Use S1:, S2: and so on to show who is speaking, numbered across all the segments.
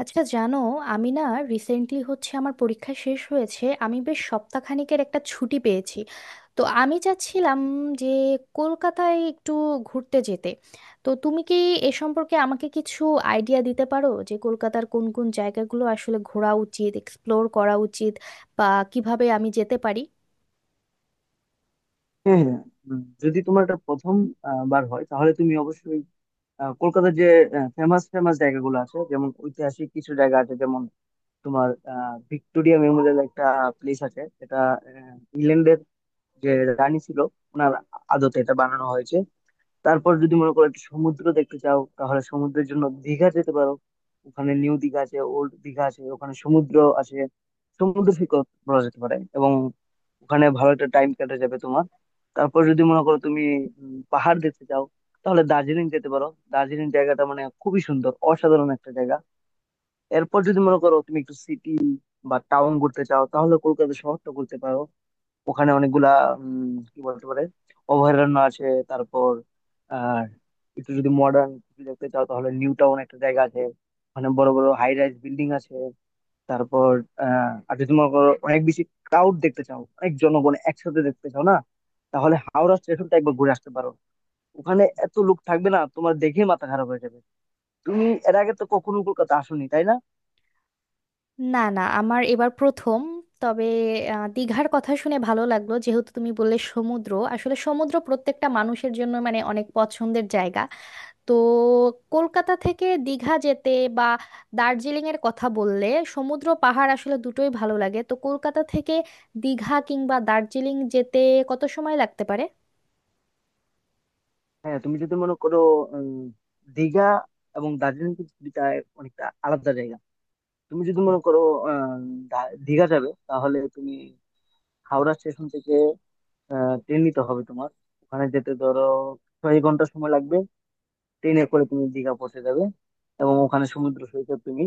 S1: আচ্ছা, জানো, আমি না, রিসেন্টলি হচ্ছে আমার পরীক্ষা শেষ হয়েছে। আমি বেশ সপ্তাহখানেকের একটা ছুটি পেয়েছি। তো আমি চাচ্ছিলাম যে কলকাতায় একটু ঘুরতে যেতে। তো তুমি কি এ সম্পর্কে আমাকে কিছু আইডিয়া দিতে পারো যে কলকাতার কোন কোন জায়গাগুলো আসলে ঘোরা উচিত, এক্সপ্লোর করা উচিত, বা কিভাবে আমি যেতে পারি?
S2: হ্যাঁ হ্যাঁ যদি তোমার এটা প্রথম বার হয় তাহলে তুমি অবশ্যই কলকাতার যে ফেমাস ফেমাস জায়গাগুলো আছে, যেমন ঐতিহাসিক কিছু জায়গা আছে, যেমন তোমার ভিক্টোরিয়া মেমোরিয়াল একটা প্লেস আছে। এটা ইংল্যান্ডের যে রানী ছিল ওনার আদতে এটা বানানো হয়েছে। তারপর যদি মনে করো একটা সমুদ্র দেখতে চাও তাহলে সমুদ্রের জন্য দীঘা যেতে পারো। ওখানে নিউ দীঘা আছে, ওল্ড দীঘা আছে, ওখানে সমুদ্র আছে, সমুদ্র সৈকত বলা যেতে পারে। এবং ওখানে ভালো একটা টাইম কেটে যাবে তোমার। তারপর যদি মনে করো তুমি পাহাড় দেখতে চাও তাহলে দার্জিলিং যেতে পারো। দার্জিলিং জায়গাটা মানে খুবই সুন্দর, অসাধারণ একটা জায়গা। এরপর যদি মনে করো তুমি একটু সিটি বা টাউন ঘুরতে চাও তাহলে কলকাতা শহরটা ঘুরতে পারো। ওখানে অনেকগুলা কি বলতে পারে, অভয়ারণ্য আছে। তারপর আর একটু যদি মডার্ন দেখতে চাও তাহলে নিউ টাউন একটা জায়গা আছে। ওখানে বড় বড় হাই রাইজ বিল্ডিং আছে। তারপর আর যদি মনে করো অনেক বেশি ক্রাউড দেখতে চাও, অনেক জনগণ একসাথে দেখতে চাও না, তাহলে হাওড়া স্টেশনটা একবার ঘুরে আসতে পারো। ওখানে এত লোক থাকবে, না তোমার দেখেই মাথা খারাপ হয়ে যাবে। তুমি এর আগে তো কখনো কলকাতা আসোনি তাই না?
S1: না না, আমার এবার প্রথম। তবে দীঘার কথা শুনে ভালো লাগলো, যেহেতু তুমি বললে সমুদ্র, আসলে সমুদ্র প্রত্যেকটা মানুষের জন্য মানে অনেক পছন্দের জায়গা। তো কলকাতা থেকে দীঘা যেতে বা দার্জিলিং এর কথা বললে, সমুদ্র পাহাড় আসলে দুটোই ভালো লাগে। তো কলকাতা থেকে দীঘা কিংবা দার্জিলিং যেতে কত সময় লাগতে পারে?
S2: হ্যাঁ, তুমি যদি মনে করো উম, দীঘা এবং দার্জিলিং কিন্তু দুইটা অনেকটা আলাদা জায়গা। তুমি যদি মনে করো আহ, দীঘা যাবে তাহলে তুমি হাওড়া স্টেশন থেকে ট্রেন নিতে হবে তোমার। ওখানে যেতে ধরো 6 ঘন্টা সময় লাগবে, ট্রেনে করে তুমি দীঘা পৌঁছে যাবে। এবং ওখানে সমুদ্র সৈকত তুমি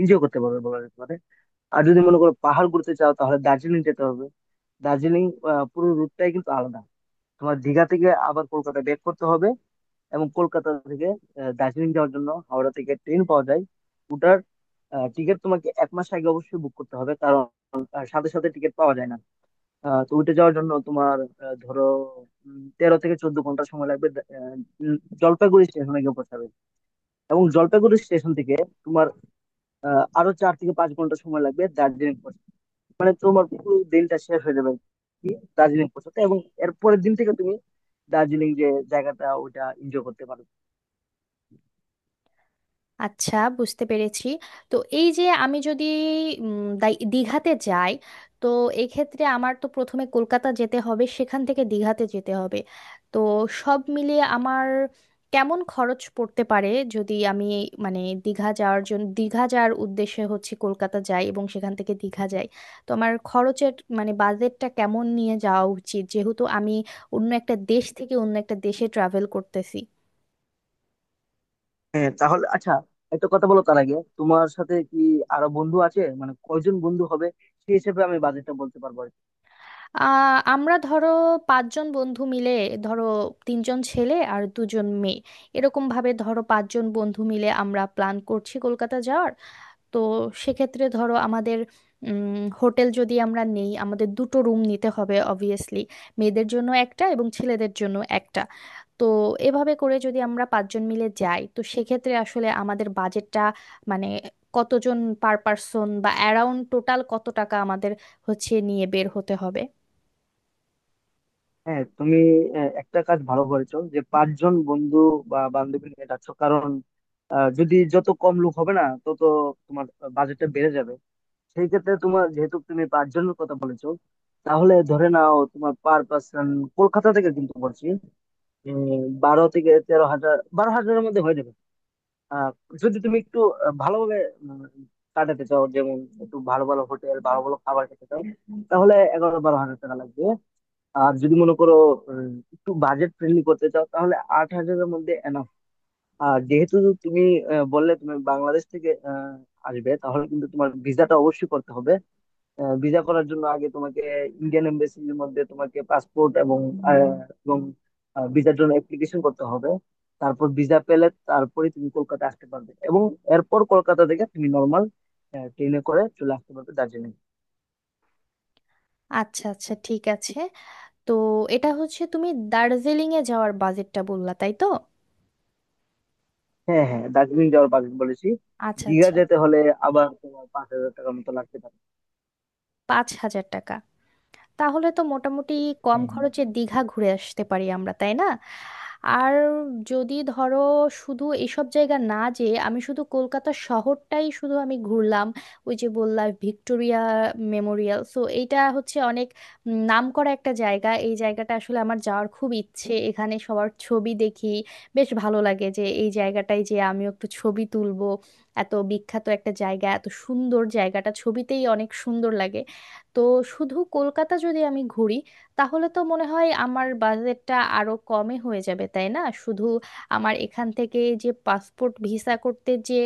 S2: এনজয় করতে পারবে বলা যেতে পারে। আর যদি মনে করো পাহাড় ঘুরতে চাও তাহলে দার্জিলিং যেতে হবে। দার্জিলিং পুরো রুটটাই কিন্তু আলাদা। তোমার দীঘা থেকে আবার কলকাতা ব্যাক করতে হবে, এবং কলকাতা থেকে দার্জিলিং যাওয়ার জন্য হাওড়া থেকে ট্রেন পাওয়া যায়। ওটার টিকিট তোমাকে 1 মাস আগে অবশ্যই বুক করতে হবে, কারণ সাথে সাথে টিকিট পাওয়া যায় না। তো ওইটা যাওয়ার জন্য তোমার ধরো 13 থেকে 14 ঘন্টা সময় লাগবে। আহ, জলপাইগুড়ি স্টেশনে গিয়ে পৌঁছাবে, এবং জলপাইগুড়ি স্টেশন থেকে তোমার আরো 4 থেকে 5 ঘন্টা সময় লাগবে দার্জিলিং পৌঁছাতে। মানে তোমার পুরো দিনটা শেষ হয়ে যাবে আর কি দার্জিলিং পৌঁছাতে। এবং এরপরের দিন থেকে তুমি দার্জিলিং যে জায়গাটা ওটা এনজয় করতে পারবে।
S1: আচ্ছা, বুঝতে পেরেছি। তো এই যে আমি যদি দীঘাতে যাই, তো এক্ষেত্রে আমার তো প্রথমে কলকাতা যেতে হবে, সেখান থেকে দীঘাতে যেতে হবে। তো সব মিলিয়ে আমার কেমন খরচ পড়তে পারে? যদি আমি মানে দীঘা যাওয়ার জন্য, দীঘা যাওয়ার উদ্দেশ্যে হচ্ছে কলকাতা যাই এবং সেখান থেকে দীঘা যাই, তো আমার খরচের মানে বাজেটটা কেমন নিয়ে যাওয়া উচিত, যেহেতু আমি অন্য একটা দেশ থেকে অন্য একটা দেশে ট্রাভেল করতেছি।
S2: হ্যাঁ, তাহলে আচ্ছা, একটা কথা বলো তার আগে, তোমার সাথে কি আরো বন্ধু আছে, মানে কয়জন বন্ধু হবে? সেই হিসেবে আমি বাজেটটা বলতে পারবো আর কি।
S1: আমরা ধরো পাঁচজন বন্ধু মিলে, ধরো তিনজন ছেলে আর দুজন মেয়ে, এরকম ভাবে ধরো পাঁচজন বন্ধু মিলে আমরা প্ল্যান করছি কলকাতা যাওয়ার। তো সেক্ষেত্রে ধরো আমাদের হোটেল যদি আমরা নেই, আমাদের দুটো রুম নিতে হবে অবভিয়াসলি, মেয়েদের জন্য একটা এবং ছেলেদের জন্য একটা। তো এভাবে করে যদি আমরা পাঁচজন মিলে যাই, তো সেক্ষেত্রে আসলে আমাদের বাজেটটা মানে কতজন পার পার্সন বা অ্যারাউন্ড টোটাল কত টাকা আমাদের হচ্ছে নিয়ে বের হতে হবে।
S2: হ্যাঁ, তুমি একটা কাজ ভালো করেছো যে পাঁচজন বন্ধু বা বান্ধবী নিয়ে যাচ্ছ, কারণ যদি যত কম লোক হবে না তত তোমার বাজেটটা বেড়ে যাবে। সেই ক্ষেত্রে তোমার, যেহেতু তুমি পাঁচজনের কথা বলেছো, তাহলে ধরে নাও তোমার পার পার্সন কলকাতা থেকে কিন্তু বলছি 12 থেকে 13 হাজার, 12 হাজারের মধ্যে হয়ে যাবে। আহ, যদি তুমি একটু ভালোভাবে উম, কাটাতে চাও, যেমন একটু ভালো ভালো হোটেল, ভালো ভালো খাবার খেতে চাও, তাহলে 11 12 হাজার টাকা লাগবে। আর যদি মনে করো একটু বাজেট ফ্রেন্ডলি করতে চাও তাহলে 8 হাজারের মধ্যে এনাফ। আর যেহেতু তুমি বললে তুমি বাংলাদেশ থেকে আসবে, তাহলে কিন্তু তোমার ভিসাটা অবশ্যই করতে হবে। ভিসা করার জন্য আগে তোমাকে ইন্ডিয়ান এমবাসির মধ্যে তোমাকে পাসপোর্ট এবং আহ, এবং ভিসার জন্য অ্যাপ্লিকেশন করতে হবে। তারপর ভিসা পেলে তারপরে তুমি কলকাতা আসতে পারবে, এবং এরপর কলকাতা থেকে তুমি নর্মাল ট্রেনে করে চলে আসতে পারবে দার্জিলিং।
S1: আচ্ছা আচ্ছা, ঠিক আছে। তো এটা হচ্ছে তুমি দার্জিলিং এ যাওয়ার বাজেটটা বললা, তাই তো?
S2: হ্যাঁ হ্যাঁ, দার্জিলিং যাওয়ার বাজেট বলেছি।
S1: আচ্ছা
S2: দীঘা
S1: আচ্ছা।
S2: যেতে হলে আবার তোমার 5 হাজার টাকার মতো লাগতে পারে।
S1: 5,000 টাকা? তাহলে তো মোটামুটি কম
S2: হ্যাঁ হ্যাঁ
S1: খরচে দীঘা ঘুরে আসতে পারি আমরা, তাই না? আর যদি ধরো শুধু এসব জায়গা না যেয়ে আমি শুধু কলকাতা শহরটাই শুধু আমি ঘুরলাম, ওই যে বললাম ভিক্টোরিয়া মেমোরিয়াল, সো এইটা হচ্ছে অনেক নাম করা একটা জায়গা, এই জায়গাটা আসলে আমার যাওয়ার খুব ইচ্ছে, এখানে সবার ছবি দেখি, বেশ ভালো লাগে যে এই জায়গাটায় যে আমিও একটু ছবি তুলবো। এত বিখ্যাত একটা জায়গা, এত সুন্দর জায়গাটা ছবিতেই অনেক সুন্দর লাগে। তো শুধু কলকাতা যদি আমি ঘুরি, তাহলে তো মনে হয় আমার বাজেটটা আরো কমে হয়ে যাবে, তাই না? শুধু আমার এখান থেকে যে পাসপোর্ট ভিসা করতে, যে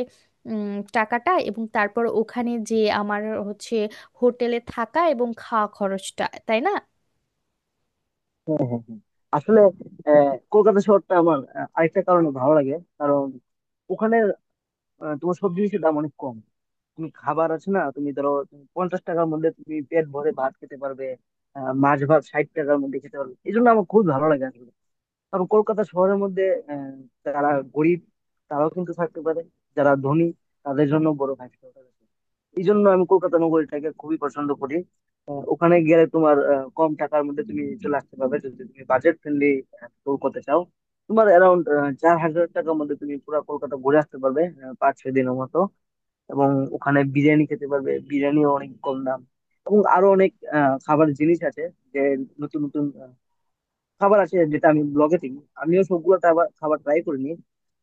S1: টাকাটা এবং তারপর ওখানে যে আমার হচ্ছে হোটেলে থাকা এবং খাওয়া খরচটা, তাই না?
S2: হ্যাঁ হ্যাঁ হ্যাঁ। আসলে কলকাতা শহরটা আমার আরেকটা কারণে ভালো লাগে। কারণ ওখানে তোমার সব জিনিসের দাম অনেক কম। তুমি খাবার আছে না, তুমি ধরো তুমি 50 টাকার মধ্যে তুমি পেট ভরে ভাত খেতে পারবে। মাছ ভাত 60 টাকার মধ্যে খেতে পারবে, এই জন্য আমার খুব ভালো লাগে আসলে। কারণ কলকাতা শহরের মধ্যে আহ, যারা গরিব তারাও কিন্তু থাকতে পারে, যারা ধনী তাদের জন্য বড় হাসপাতাল আছে। এই জন্য আমি কলকাতা নগরীটাকে খুবই পছন্দ করি। ওখানে গেলে তোমার কম টাকার মধ্যে তুমি চলে আসতে পারবে যদি তুমি বাজেট ফ্রেন্ডলি ট্যুর করতে চাও। তোমার অ্যারাউন্ড 4 হাজার টাকার মধ্যে তুমি পুরো কলকাতা ঘুরে আসতে পারবে, 5 6 দিনের মতো। এবং ওখানে বিরিয়ানি খেতে পারবে, বিরিয়ানিও অনেক কম দাম। এবং আরো অনেক খাবার জিনিস আছে, যে নতুন নতুন খাবার আছে যেটা আমি ব্লগে দেখি। আমিও সবগুলো খাবার ট্রাই করিনি,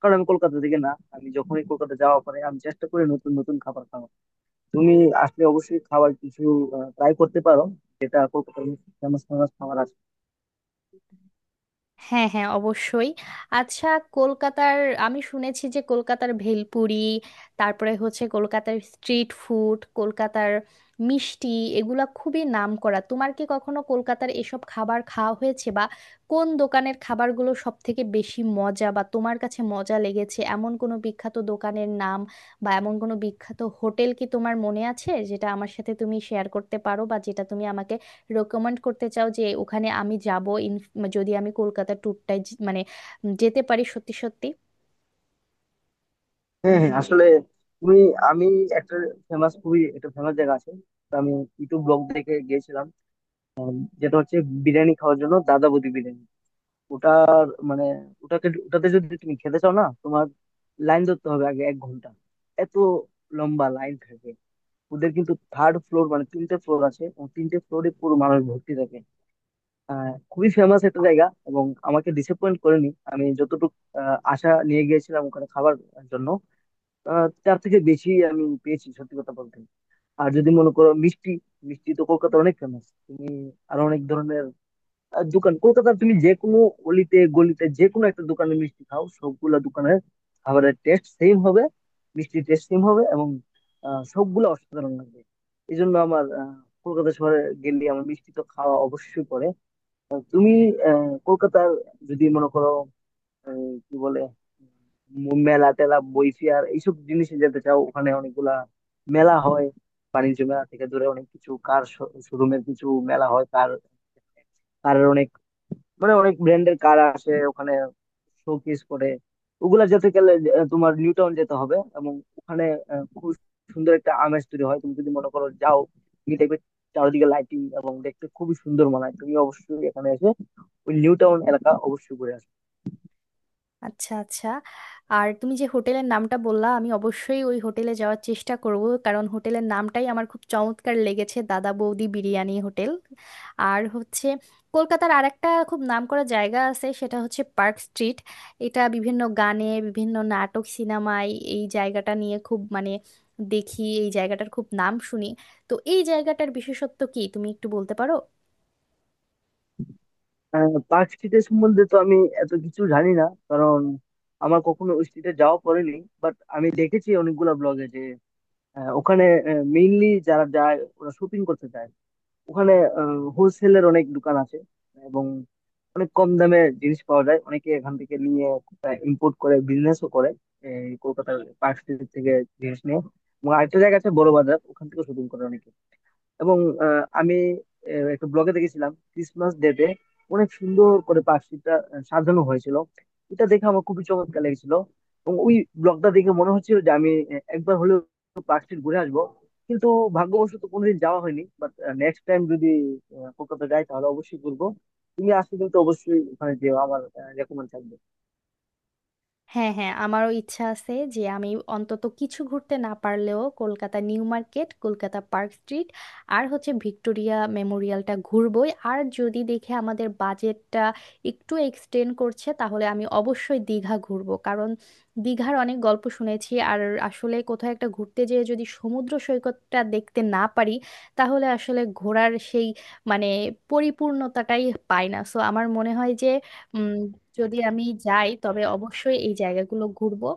S2: কারণ আমি কলকাতা থেকে না। আমি যখনই কলকাতা যাওয়া পরে আমি চেষ্টা করি নতুন নতুন খাবার খাওয়ার। তুমি আসলে অবশ্যই খাবার কিছু ট্রাই করতে পারো, যেটা কলকাতার ফেমাস ফেমাস খাবার আছে।
S1: হ্যাঁ হ্যাঁ, অবশ্যই। আচ্ছা, কলকাতার, আমি শুনেছি যে কলকাতার ভেলপুরি, তারপরে হচ্ছে কলকাতার স্ট্রিট ফুড, কলকাতার মিষ্টি, এগুলা খুবই নামকরা। তোমার কি কখনো কলকাতার এসব খাবার খাওয়া হয়েছে? বা কোন দোকানের খাবারগুলো সব থেকে বেশি মজা, বা তোমার কাছে মজা লেগেছে, এমন কোনো বিখ্যাত দোকানের নাম বা এমন কোনো বিখ্যাত হোটেল কি তোমার মনে আছে যেটা আমার সাথে তুমি শেয়ার করতে পারো, বা যেটা তুমি আমাকে রেকমেন্ড করতে চাও যে ওখানে আমি যাব, ইন, যদি আমি কলকাতা ট্যুরটায় মানে যেতে পারি সত্যি সত্যি?
S2: হ্যাঁ হ্যাঁ, আসলে তুমি, আমি, একটা ফেমাস, খুবই একটা ফেমাস জায়গা আছে। তো আমি ইউটিউব ব্লগ দেখে গিয়েছিলাম, যেটা হচ্ছে বিরিয়ানি খাওয়ার জন্য দাদা বৌদি বিরিয়ানি। ওটার মানে ওটাকে ওটাতে যদি তুমি খেতে চাও না, তোমার লাইন ধরতে হবে আগে 1 ঘন্টা, এত লম্বা লাইন থাকে। ওদের কিন্তু থার্ড ফ্লোর, মানে তিনটে ফ্লোর আছে, এবং তিনটে ফ্লোরে পুরো মানুষ ভর্তি থাকে। আহ খুবই ফেমাস একটা জায়গা, এবং আমাকে ডিসঅ্যাপয়েন্ট করেনি। আমি যতটুকু আশা নিয়ে গিয়েছিলাম ওখানে খাবার জন্য, তার থেকে বেশি আমি পেয়েছি সত্যি কথা বলতে। আর যদি মনে করো মিষ্টি, মিষ্টি তো কলকাতার অনেক ফেমাস। তুমি আরো অনেক ধরনের দোকান কলকাতার, তুমি যে কোনো অলিতে গলিতে যে কোনো একটা দোকানে মিষ্টি খাও, সবগুলা দোকানের খাবারের টেস্ট সেম হবে, মিষ্টির টেস্ট সেম হবে, এবং সবগুলা অসাধারণ লাগবে। এই জন্য আমার কলকাতা শহরে গেলে আমার মিষ্টি তো খাওয়া অবশ্যই পড়ে। তুমি কলকাতার যদি মনে করো আহ, কি বলে মেলা টেলা, বই ফেয়ার, এইসব জিনিসে যেতে চাও, ওখানে অনেকগুলা মেলা হয়। বাণিজ্য মেলা থেকে দূরে অনেক কিছু, কার শোরুমের কিছু মেলা হয়, কারের অনেক, মানে অনেক ব্র্যান্ডের কার আসে ওখানে, শোকেস করে। ওগুলা যেতে গেলে তোমার নিউ টাউন যেতে হবে, এবং ওখানে খুব সুন্দর একটা আমেজ তৈরি হয়। তুমি যদি মনে করো যাও, তুমি দেখবে চারিদিকে লাইটিং, এবং দেখতে খুবই সুন্দর মনে হয়। তুমি অবশ্যই এখানে এসে ওই নিউ টাউন এলাকা অবশ্যই ঘুরে আসবে।
S1: আচ্ছা আচ্ছা। আর তুমি যে হোটেলের নামটা বললা, আমি অবশ্যই ওই হোটেলে যাওয়ার চেষ্টা করব, কারণ হোটেলের নামটাই আমার খুব চমৎকার লেগেছে, দাদা বৌদি বিরিয়ানি হোটেল। আর হচ্ছে কলকাতার আরেকটা খুব নামকরা জায়গা আছে, সেটা হচ্ছে পার্ক স্ট্রিট। এটা বিভিন্ন গানে, বিভিন্ন নাটক সিনেমায় এই জায়গাটা নিয়ে খুব মানে দেখি, এই জায়গাটার খুব নাম শুনি। তো এই জায়গাটার বিশেষত্ব কি তুমি একটু বলতে পারো?
S2: পার্ক স্ট্রিটের সম্বন্ধে তো আমি এত কিছু জানি না, কারণ আমার কখনো ওই স্ট্রিটে যাওয়া পড়েনি। বাট আমি দেখেছি অনেকগুলা ব্লগে যে ওখানে মেইনলি যারা যায় ওরা শপিং করতে যায়। ওখানে হোলসেলের অনেক দোকান আছে, এবং অনেক কম দামে জিনিস পাওয়া যায়। অনেকে এখান থেকে নিয়ে ইম্পোর্ট করে বিজনেসও করে এই কলকাতার পার্ক স্ট্রিট থেকে জিনিস নিয়ে। এবং আরেকটা জায়গা আছে বড় বাজার, ওখান থেকে শপিং করে অনেকে। এবং আমি একটা ব্লগে দেখেছিলাম ক্রিসমাস ডেতে অনেক সুন্দর করে পাখিটা সাজানো হয়েছিল। এটা দেখে আমার খুবই চমৎকার লেগেছিল, এবং ওই ব্লগটা দেখে মনে হচ্ছিল যে আমি একবার হলেও পার্ক স্ট্রিট ঘুরে আসবো। কিন্তু ভাগ্যবশত কোনোদিন যাওয়া হয়নি। বাট নেক্সট টাইম যদি কলকাতা যাই তাহলে অবশ্যই ঘুরবো। তুমি আসলে কিন্তু অবশ্যই ওখানে যেও, আমার রেকমেন্ড থাকবে।
S1: হ্যাঁ হ্যাঁ, আমারও ইচ্ছা আছে যে আমি অন্তত কিছু ঘুরতে না পারলেও Kolkata New Market, Kolkata Park Street, আর হচ্ছে ভিক্টোরিয়া মেমোরিয়ালটা ঘুরবই। আর যদি দেখে আমাদের বাজেটটা একটু এক্সটেন্ড করছে, তাহলে আমি অবশ্যই দীঘা ঘুরবো, কারণ দীঘার অনেক গল্প শুনেছি। আর আসলে কোথাও একটা ঘুরতে যেয়ে যদি সমুদ্র সৈকতটা দেখতে না পারি, তাহলে আসলে ঘোরার সেই মানে পরিপূর্ণতাটাই পাই না। সো আমার মনে হয় যে উম, যদি আমি যাই, তবে অবশ্যই এই জায়গাগুলো ঘুরবো।